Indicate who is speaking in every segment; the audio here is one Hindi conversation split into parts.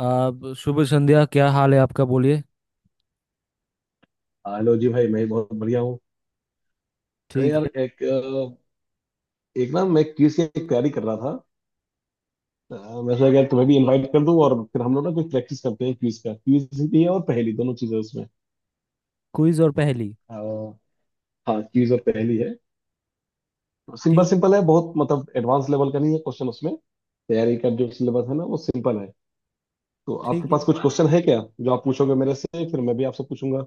Speaker 1: आप शुभ संध्या क्या हाल है आपका बोलिए।
Speaker 2: हेलो जी भाई, मैं बहुत बढ़िया हूँ। अरे
Speaker 1: ठीक
Speaker 2: यार,
Speaker 1: है।
Speaker 2: एक ना मैं क्विज की तैयारी कर रहा था। अ, मैं सोचा कि यार तुम्हें भी इनवाइट कर दूं, और फिर हम लोग ना कुछ प्रैक्टिस करते हैं। क्विज का क्विज भी है और पहेली, दोनों चीजें उसमें।
Speaker 1: क्विज और
Speaker 2: तो,
Speaker 1: पहेली।
Speaker 2: अ, हाँ, क्विज और पहेली है। सिंपल
Speaker 1: ठीक है।
Speaker 2: सिंपल है बहुत, मतलब एडवांस लेवल का नहीं है क्वेश्चन उसमें। तैयारी का जो सिलेबस है ना, वो सिंपल है। तो आपके
Speaker 1: ठीक है।
Speaker 2: पास कुछ क्वेश्चन है क्या जो आप पूछोगे मेरे से, फिर मैं भी आपसे पूछूंगा?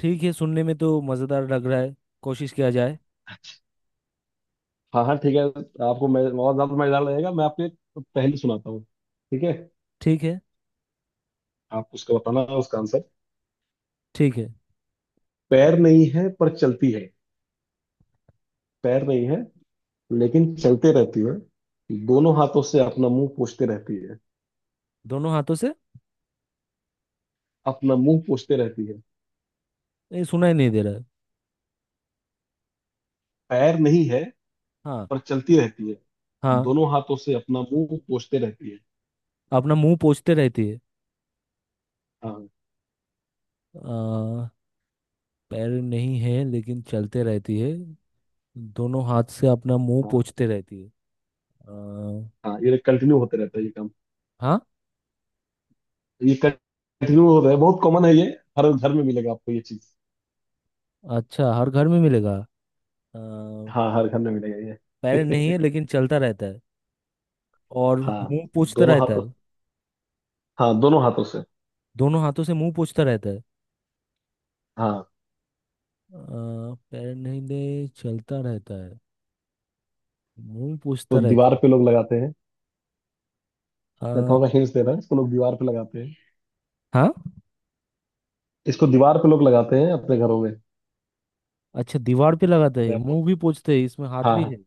Speaker 1: ठीक है सुनने में तो मज़ेदार लग रहा है। कोशिश किया जाए।
Speaker 2: हाँ, हाँ, ठीक है। आपको मैं और ज्यादा मजेदार लगेगा। मैं आपको एक पहेली सुनाता हूँ। ठीक है?
Speaker 1: ठीक है।
Speaker 2: आप उसका बताना, उसका आंसर।
Speaker 1: ठीक है।
Speaker 2: पैर नहीं है पर चलती है। पैर नहीं है लेकिन चलते रहती है। दोनों हाथों से अपना मुंह पोंछते रहती है।
Speaker 1: दोनों हाथों से।
Speaker 2: अपना मुंह पोंछते रहती है।
Speaker 1: ये सुनाई नहीं दे रहा है।
Speaker 2: पैर नहीं है
Speaker 1: हाँ
Speaker 2: पर चलती रहती है।
Speaker 1: हाँ।
Speaker 2: दोनों हाथों से अपना मुंह पोंछते रहती है।
Speaker 1: अपना मुंह पोंछते रहती है।
Speaker 2: हाँ,
Speaker 1: आ, पैर नहीं है लेकिन चलते रहती है। दोनों हाथ से अपना मुंह
Speaker 2: हाँ,
Speaker 1: पोंछते रहती है। आ,
Speaker 2: हाँ, ये कंटिन्यू होते रहता है ये काम।
Speaker 1: हाँ।
Speaker 2: ये कंटिन्यू हो रहा है, बहुत कॉमन है ये। हर घर में मिलेगा आपको ये चीज।
Speaker 1: अच्छा हर घर में मिलेगा। पैर
Speaker 2: हाँ, हर घर में मिलेगा
Speaker 1: नहीं
Speaker 2: ये।
Speaker 1: है लेकिन चलता रहता है और
Speaker 2: हाँ,
Speaker 1: मुंह पोंछता
Speaker 2: दोनों
Speaker 1: रहता
Speaker 2: हाथों
Speaker 1: है।
Speaker 2: हाँ दोनों हाथों से।
Speaker 1: दोनों हाथों से मुंह पोंछता रहता है।
Speaker 2: हाँ।
Speaker 1: पैर नहीं दे चलता रहता है। मुंह पोंछता
Speaker 2: तो दीवार
Speaker 1: रहता है।
Speaker 2: पे लोग लगाते हैं।
Speaker 1: अ,
Speaker 2: मैं थोड़ा हिंट्स दे रहा है। इसको लोग दीवार पे लगाते हैं।
Speaker 1: हाँ।
Speaker 2: इसको दीवार पे लोग लगाते हैं अपने घरों में।
Speaker 1: अच्छा दीवार पे लगाता है
Speaker 2: मैं आपको
Speaker 1: मुंह भी पोंछते है इसमें हाथ
Speaker 2: हाँ,
Speaker 1: भी
Speaker 2: हाँ।
Speaker 1: है।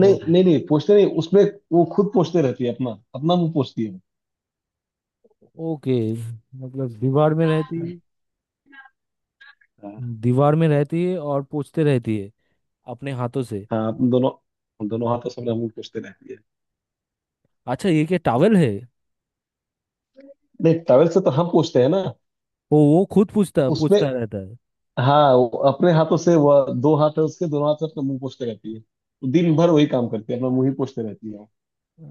Speaker 2: नहीं, नहीं, नहीं, पोंछते नहीं उसमें। वो खुद पोंछते रहती है। अपना अपना मुंह पोंछती है वो।
Speaker 1: ओके। मतलब दीवार में रहती।
Speaker 2: हाँ,
Speaker 1: दीवार में रहती है और पोंछते रहती है अपने हाथों से।
Speaker 2: हाँ। अपन दोनों हम दोनों हाथों से अपना मुंह पोंछते रहती है।
Speaker 1: अच्छा ये क्या टॉवल है?
Speaker 2: नहीं, टॉवल से तो हम पोंछते हैं ना।
Speaker 1: वो खुद पूछता
Speaker 2: उसमें?
Speaker 1: पूछता रहता है।
Speaker 2: हाँ, वो अपने हाथों से, वो दो हाथ है उसके, दोनों हाथ से अपना मुंह पोंछते रहती है। वो दिन भर वही काम करती है, अपना मुंह ही पोंछते रहती है वो।
Speaker 1: अ,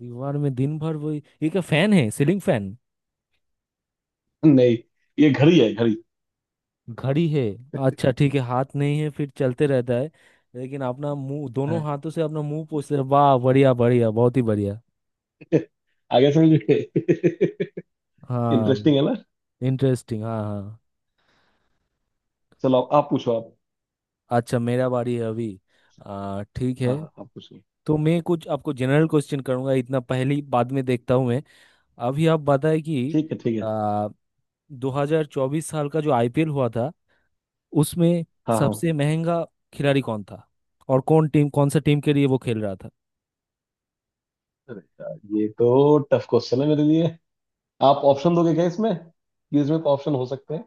Speaker 1: दीवार में दिन भर वही, ये क्या फैन है, सीलिंग फैन?
Speaker 2: नहीं, ये घड़ी है, घड़ी।
Speaker 1: घड़ी है। अच्छा ठीक है, हाथ नहीं है फिर चलते रहता है लेकिन अपना मुंह, दोनों
Speaker 2: हाँ।
Speaker 1: हाथों से अपना मुंह पोंछते रहे, वाह बढ़िया बढ़िया, बहुत ही बढ़िया।
Speaker 2: आगे समझ गए।
Speaker 1: हाँ।
Speaker 2: इंटरेस्टिंग है ना?
Speaker 1: इंटरेस्टिंग, हाँ हाँ।
Speaker 2: चलो आप पूछो आप।
Speaker 1: अच्छा मेरा बारी है अभी। ठीक है।
Speaker 2: हाँ, हाँ, आप पूछो।
Speaker 1: तो मैं कुछ आपको जनरल क्वेश्चन करूंगा, इतना पहली बाद में देखता हूं मैं। अभी आप बताएं कि
Speaker 2: ठीक है, ठीक है।
Speaker 1: आ, 2024 साल का जो आईपीएल हुआ था, उसमें
Speaker 2: हाँ, हाँ।
Speaker 1: सबसे महंगा खिलाड़ी कौन था और कौन टीम, कौन सा टीम के लिए वो खेल रहा था?
Speaker 2: अरे यार, ये तो टफ क्वेश्चन है मेरे लिए। आप ऑप्शन दोगे क्या इसमें, कि इसमें ऑप्शन हो सकते हैं?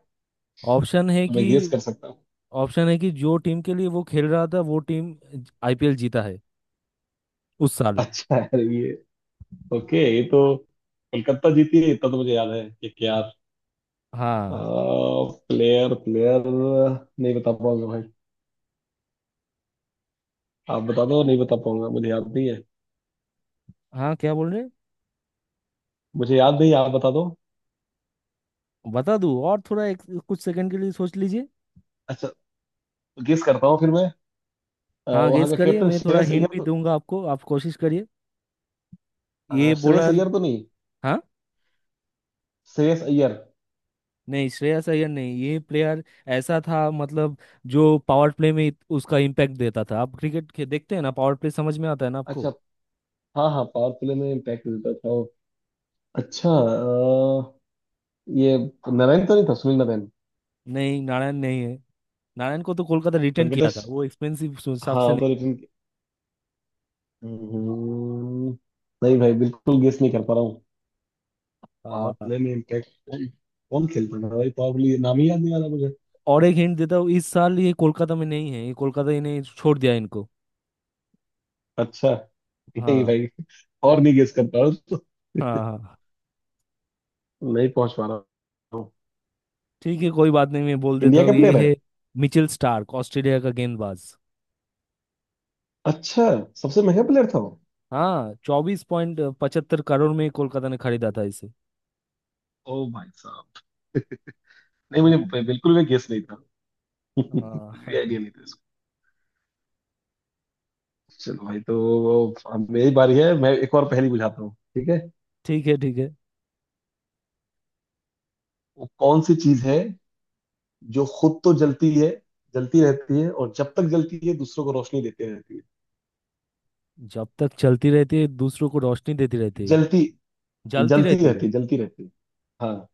Speaker 1: ऑप्शन है
Speaker 2: तो
Speaker 1: कि,
Speaker 2: मैं गेस कर सकता हूँ।
Speaker 1: ऑप्शन है कि जो टीम के लिए वो खेल रहा था वो टीम आईपीएल जीता है उस साल।
Speaker 2: अच्छा यार, ये ओके, ये तो कोलकाता जीती है, इतना तो मुझे याद है, कि क्या।
Speaker 1: हाँ
Speaker 2: प्लेयर प्लेयर नहीं बता पाऊंगा भाई। आप बता दो, नहीं बता पाऊंगा, मुझे याद नहीं है।
Speaker 1: हाँ, क्या बोल रहे?
Speaker 2: मुझे याद नहीं है, आप बता दो।
Speaker 1: बता दूँ और थोड़ा एक कुछ सेकंड के लिए सोच लीजिए।
Speaker 2: अच्छा, गेस करता हूँ फिर मैं।
Speaker 1: हाँ
Speaker 2: वहाँ
Speaker 1: गेस
Speaker 2: का
Speaker 1: करिए,
Speaker 2: कैप्टन
Speaker 1: मैं थोड़ा
Speaker 2: श्रेयस
Speaker 1: हिंट
Speaker 2: अय्यर
Speaker 1: भी
Speaker 2: तो?
Speaker 1: दूंगा आपको, आप कोशिश करिए। ये
Speaker 2: श्रेयस
Speaker 1: बॉलर।
Speaker 2: अय्यर तो नहीं।
Speaker 1: हाँ।
Speaker 2: श्रेयस अय्यर।
Speaker 1: नहीं श्रेयस अय्यर नहीं, ये प्लेयर ऐसा था मतलब, जो पावर प्ले में उसका इम्पैक्ट देता था। आप क्रिकेट देखते हैं ना? पावर प्ले समझ में आता है ना
Speaker 2: अच्छा।
Speaker 1: आपको?
Speaker 2: हाँ, हाँ, पावर प्ले में इम्पैक्ट देता था वो। अच्छा। ये नारायण तो नहीं था, सुनील नारायण?
Speaker 1: नहीं नारायण नहीं है। नारायण को तो कोलकाता रिटेन किया
Speaker 2: वेंकटेश।
Speaker 1: था, वो एक्सपेंसिव हिसाब
Speaker 2: हाँ,
Speaker 1: से
Speaker 2: वो तो
Speaker 1: नहीं।
Speaker 2: रिटर्न। हम्म, नहीं भाई, बिल्कुल गेस नहीं कर पा रहा हूँ। पावर
Speaker 1: हाँ।
Speaker 2: प्ले में इम्पैक्ट कौन, कौन खेलता था भाई? पावर प्ले नाम ही याद नहीं आ रहा मुझे।
Speaker 1: और एक हिंट देता हूँ, इस साल ये कोलकाता में नहीं है, ये कोलकाता इन्हें छोड़ दिया, इनको।
Speaker 2: अच्छा। नहीं
Speaker 1: हाँ
Speaker 2: भाई, और नहीं गेस कर पा रहा हूँ, तो
Speaker 1: हाँ हाँ हाँ।
Speaker 2: नहीं पहुंच पा रहा हूँ।
Speaker 1: ठीक है कोई बात नहीं, मैं बोल देता
Speaker 2: इंडिया का
Speaker 1: हूँ, ये
Speaker 2: प्लेयर है?
Speaker 1: है मिचेल स्टार्क, ऑस्ट्रेलिया का गेंदबाज।
Speaker 2: अच्छा, सबसे महंगा प्लेयर था वो।
Speaker 1: हाँ 24.75 करोड़ में कोलकाता ने खरीदा था इसे।
Speaker 2: ओ भाई साहब। नहीं, मुझे
Speaker 1: हाँ
Speaker 2: बिल्कुल भी गेस नहीं था। कुछ भी
Speaker 1: हाँ।
Speaker 2: आइडिया नहीं था इसको। चलो भाई, तो अब मेरी बारी है। मैं एक और पहेली बुझाता हूँ। ठीक है?
Speaker 1: ठीक है ठीक है।
Speaker 2: वो कौन सी चीज है जो खुद तो जलती है, जलती रहती है, और जब तक जलती है दूसरों को रोशनी देती रहती
Speaker 1: जब तक चलती रहती है दूसरों को रोशनी देती
Speaker 2: है।
Speaker 1: रहती है।
Speaker 2: जलती,
Speaker 1: जलती
Speaker 2: जलती
Speaker 1: रहती
Speaker 2: रहती
Speaker 1: है।
Speaker 2: है। जलती रहती है। हाँ।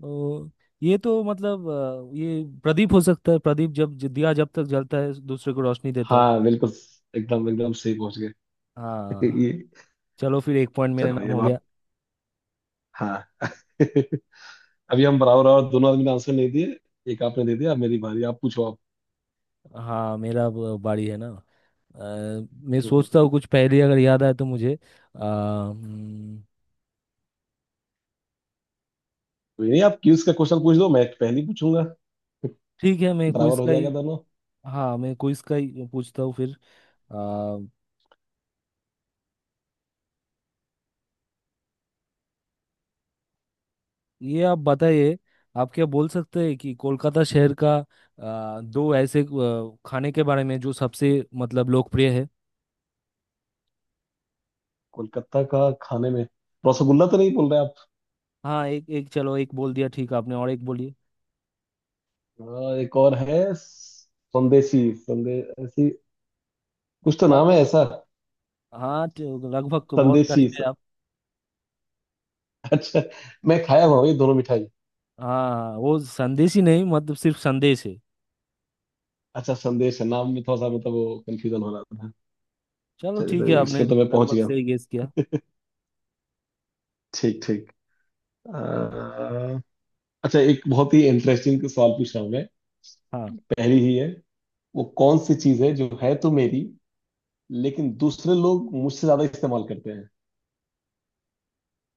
Speaker 1: तो ये तो मतलब ये प्रदीप हो सकता है, प्रदीप जब दिया जब तक जलता है दूसरे को रोशनी देता है।
Speaker 2: हाँ, बिल्कुल, एकदम एकदम सही पहुंच गए।
Speaker 1: हाँ।
Speaker 2: ये,
Speaker 1: चलो फिर एक पॉइंट मेरे
Speaker 2: चलो,
Speaker 1: नाम
Speaker 2: ये
Speaker 1: हो गया।
Speaker 2: बात। हाँ। अभी हम बराबर, और दोनों आदमी ने आंसर नहीं दिए। एक आपने दे दिया, अब मेरी बारी। आप पूछो आप।
Speaker 1: हाँ मेरा अब बारी है ना। अ, मैं
Speaker 2: हम्म।
Speaker 1: सोचता हूँ कुछ पहेली अगर याद आए तो मुझे। हम्म।
Speaker 2: कोई नहीं, आप क्यूज का क्वेश्चन पूछ दो, मैं पहले ही पूछूंगा।
Speaker 1: ठीक है, मैं क्विज
Speaker 2: बराबर हो
Speaker 1: का
Speaker 2: जाएगा
Speaker 1: ही।
Speaker 2: दोनों।
Speaker 1: हाँ मैं क्विज का ही पूछता हूँ फिर। अ, ये आप बताइए, आप क्या बोल सकते हैं कि कोलकाता शहर का दो ऐसे खाने के बारे में, जो सबसे मतलब लोकप्रिय है।
Speaker 2: कोलकाता का खाने में? रसगुल्ला तो नहीं बोल रहे आप?
Speaker 1: हाँ एक एक, चलो एक बोल दिया ठीक आपने, और एक बोलिए।
Speaker 2: हाँ, एक और है, संदेशी संदेशी कुछ तो
Speaker 1: यार,
Speaker 2: नाम है ऐसा।
Speaker 1: हाँ तो लगभग तो बहुत
Speaker 2: संदेशी,
Speaker 1: करीब है आप।
Speaker 2: अच्छा, मैं खाया हुआ हूँ ये दोनों मिठाई।
Speaker 1: हाँ हाँ, वो संदेश ही, नहीं मतलब सिर्फ संदेश है।
Speaker 2: अच्छा, संदेश है नाम में, थोड़ा सा मतलब वो कंफ्यूजन हो रहा था।
Speaker 1: चलो
Speaker 2: चलिए
Speaker 1: ठीक
Speaker 2: तो
Speaker 1: है, आपने
Speaker 2: इसमें तो मैं पहुंच
Speaker 1: लगभग
Speaker 2: गया हूँ।
Speaker 1: सही गेस किया।
Speaker 2: ठीक, ठीक। अ,
Speaker 1: हाँ।
Speaker 2: अच्छा, एक बहुत ही इंटरेस्टिंग सवाल पूछ रहा हूँ मैं।
Speaker 1: हाँ,
Speaker 2: पहली ही है। वो कौन सी चीज है जो है तो मेरी, लेकिन दूसरे लोग मुझसे ज्यादा इस्तेमाल करते हैं?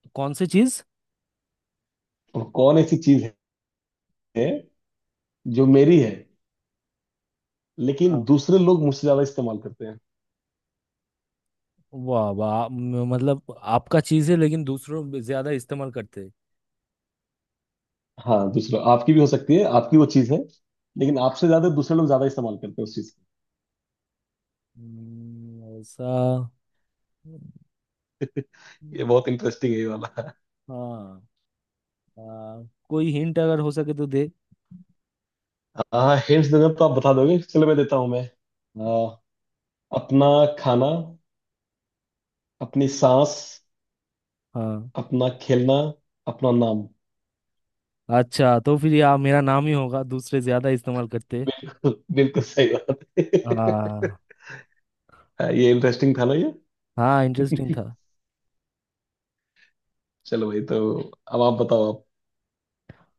Speaker 1: तो कौन सी चीज
Speaker 2: और कौन ऐसी चीज है जो मेरी है, लेकिन
Speaker 1: हाँ
Speaker 2: दूसरे लोग मुझसे ज्यादा इस्तेमाल करते हैं?
Speaker 1: वाह वाह, मतलब आपका चीज है लेकिन दूसरों में ज्यादा इस्तेमाल करते हैं।
Speaker 2: हाँ, दूसरा, आपकी भी हो सकती है, आपकी वो चीज है, लेकिन आपसे ज्यादा दूसरे लोग ज्यादा इस्तेमाल करते हैं उस चीज को।
Speaker 1: ऐसा।
Speaker 2: ये
Speaker 1: हम्म।
Speaker 2: बहुत इंटरेस्टिंग है ये वाला।
Speaker 1: हाँ। आ, कोई हिंट अगर हो सके तो दे।
Speaker 2: हाँ, हिंट्स देना तो आप बता दोगे। चलो मैं देता हूँ मैं। आ, अपना खाना, अपनी सांस,
Speaker 1: हाँ
Speaker 2: अपना खेलना, अपना नाम।
Speaker 1: अच्छा, तो फिर ये मेरा नाम ही होगा, दूसरे ज्यादा इस्तेमाल करते हैं।
Speaker 2: बिल्कुल, बिल्कुल सही बात है।
Speaker 1: हाँ।
Speaker 2: हाँ, ये इंटरेस्टिंग था ना ये।
Speaker 1: हाँ इंटरेस्टिंग था।
Speaker 2: चलो भाई, तो अब आप बताओ आप।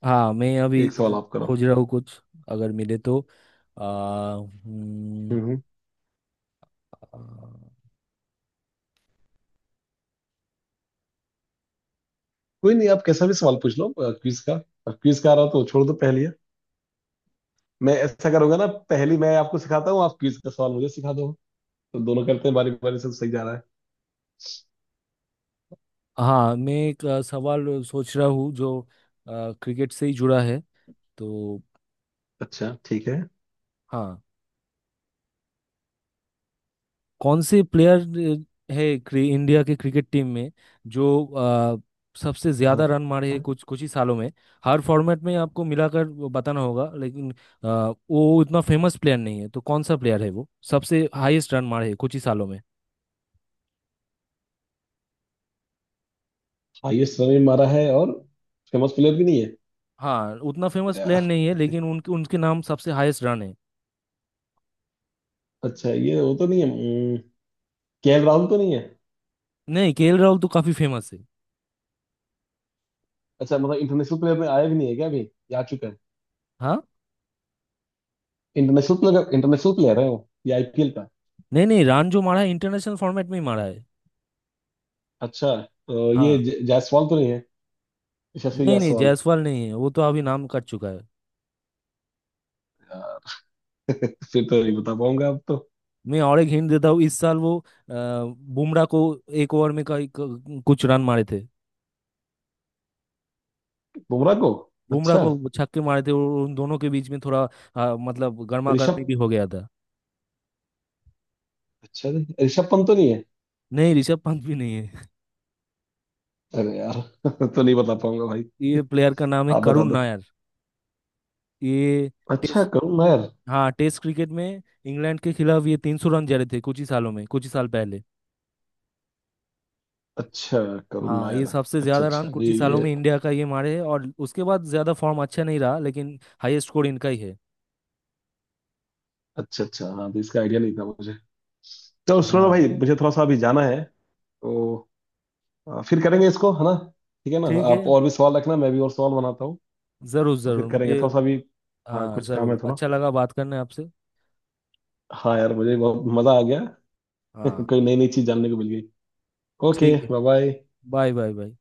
Speaker 1: हाँ मैं अभी
Speaker 2: एक सवाल आप करो।
Speaker 1: खोज रहा हूँ कुछ, अगर मिले तो। आ, हम्म,
Speaker 2: हम्म। कोई नहीं, आप कैसा भी सवाल पूछ लो क्विज का। क्विज का आ रहा तो छोड़ दो पहले। मैं ऐसा करूंगा ना, पहली मैं आपको सिखाता हूँ, आप क्विज का सवाल मुझे सिखा दो, तो दोनों करते हैं बारी बारी से, तो सही जा रहा है।
Speaker 1: हाँ मैं एक सवाल सोच रहा हूँ, जो क्रिकेट से ही जुड़ा है तो।
Speaker 2: अच्छा, ठीक है।
Speaker 1: हाँ। कौन से प्लेयर है इंडिया के क्रिकेट टीम में, जो अ, सबसे ज्यादा
Speaker 2: हाँ।
Speaker 1: रन मारे हैं कुछ कुछ ही सालों में। हर फॉर्मेट में आपको मिलाकर वो बताना होगा, लेकिन वो इतना फेमस प्लेयर नहीं है, तो कौन सा प्लेयर है वो, सबसे हाईएस्ट रन मारे हैं कुछ ही सालों में।
Speaker 2: हाईएस्ट रन भी मारा है और फेमस प्लेयर भी नहीं है?
Speaker 1: हाँ उतना फेमस प्लेयर
Speaker 2: या।
Speaker 1: नहीं है, लेकिन उनके उनके नाम सबसे हाईएस्ट रन है।
Speaker 2: अच्छा, ये वो तो नहीं है, केएल राहुल तो नहीं है?
Speaker 1: नहीं केएल राहुल तो काफी फेमस है।
Speaker 2: अच्छा, मतलब इंटरनेशनल प्लेयर में आया भी नहीं है क्या अभी, या आ चुका है?
Speaker 1: हाँ।
Speaker 2: इंटरनेशनल प्लेयर है वो। ये आईपीएल का?
Speaker 1: नहीं नहीं, रान जो मारा है इंटरनेशनल फॉर्मेट में ही मारा है।
Speaker 2: अच्छा, तो ये
Speaker 1: हाँ।
Speaker 2: जायसवाल तो नहीं है, यशस्वी
Speaker 1: नहीं नहीं
Speaker 2: जायसवाल?
Speaker 1: जायसवाल नहीं है, वो तो अभी नाम कट चुका है।
Speaker 2: या, फिर तो नहीं बता पाऊंगा अब तो।
Speaker 1: मैं और एक हिंट देता हूँ, इस साल वो बुमराह को एक ओवर में कुछ रन मारे थे।
Speaker 2: बुमराह को।
Speaker 1: बुमराह
Speaker 2: अच्छा,
Speaker 1: को छक्के मारे थे और उन दोनों के बीच में थोड़ा मतलब गर्मा
Speaker 2: ऋषभ,
Speaker 1: गर्मी भी हो गया था।
Speaker 2: अच्छा जी, ऋषभ पंत तो नहीं है?
Speaker 1: नहीं ऋषभ पंत भी नहीं है।
Speaker 2: अरे यार। तो नहीं बता पाऊंगा भाई।
Speaker 1: ये प्लेयर का नाम है
Speaker 2: आप बता
Speaker 1: करुण
Speaker 2: दो।
Speaker 1: नायर। ये
Speaker 2: अच्छा,
Speaker 1: टेस्ट।
Speaker 2: करुण नायर।
Speaker 1: हाँ टेस्ट क्रिकेट में इंग्लैंड के खिलाफ ये 300 रन जड़े थे, कुछ ही सालों में, कुछ ही साल पहले।
Speaker 2: अच्छा, करुण
Speaker 1: हाँ ये
Speaker 2: नायर।
Speaker 1: सबसे
Speaker 2: अच्छा,
Speaker 1: ज्यादा रन
Speaker 2: अच्छा,
Speaker 1: कुछ
Speaker 2: नहीं
Speaker 1: ही सालों
Speaker 2: ये।
Speaker 1: में इंडिया का ये मारे है, और उसके बाद ज्यादा फॉर्म अच्छा नहीं रहा, लेकिन हाईएस्ट स्कोर इनका ही है।
Speaker 2: अच्छा, अच्छा, हाँ, तो इसका आइडिया नहीं था मुझे। तो सुनो
Speaker 1: हाँ
Speaker 2: भाई, मुझे थोड़ा सा अभी जाना है। तो फिर करेंगे इसको, है ना? ठीक है ना,
Speaker 1: ठीक
Speaker 2: आप
Speaker 1: है,
Speaker 2: और भी सवाल रखना, मैं भी और सवाल बनाता हूँ।
Speaker 1: जरूर
Speaker 2: तो फिर
Speaker 1: जरूर
Speaker 2: करेंगे
Speaker 1: मुझे।
Speaker 2: थोड़ा सा अभी। हाँ,
Speaker 1: हाँ
Speaker 2: कुछ काम है
Speaker 1: जरूर,
Speaker 2: थोड़ा।
Speaker 1: अच्छा लगा बात करने आपसे।
Speaker 2: हाँ यार, मुझे बहुत मजा आ गया।
Speaker 1: हाँ
Speaker 2: कोई नई नई चीज जानने को मिल गई। ओके,
Speaker 1: ठीक है,
Speaker 2: bye bye.
Speaker 1: Bye bye bye.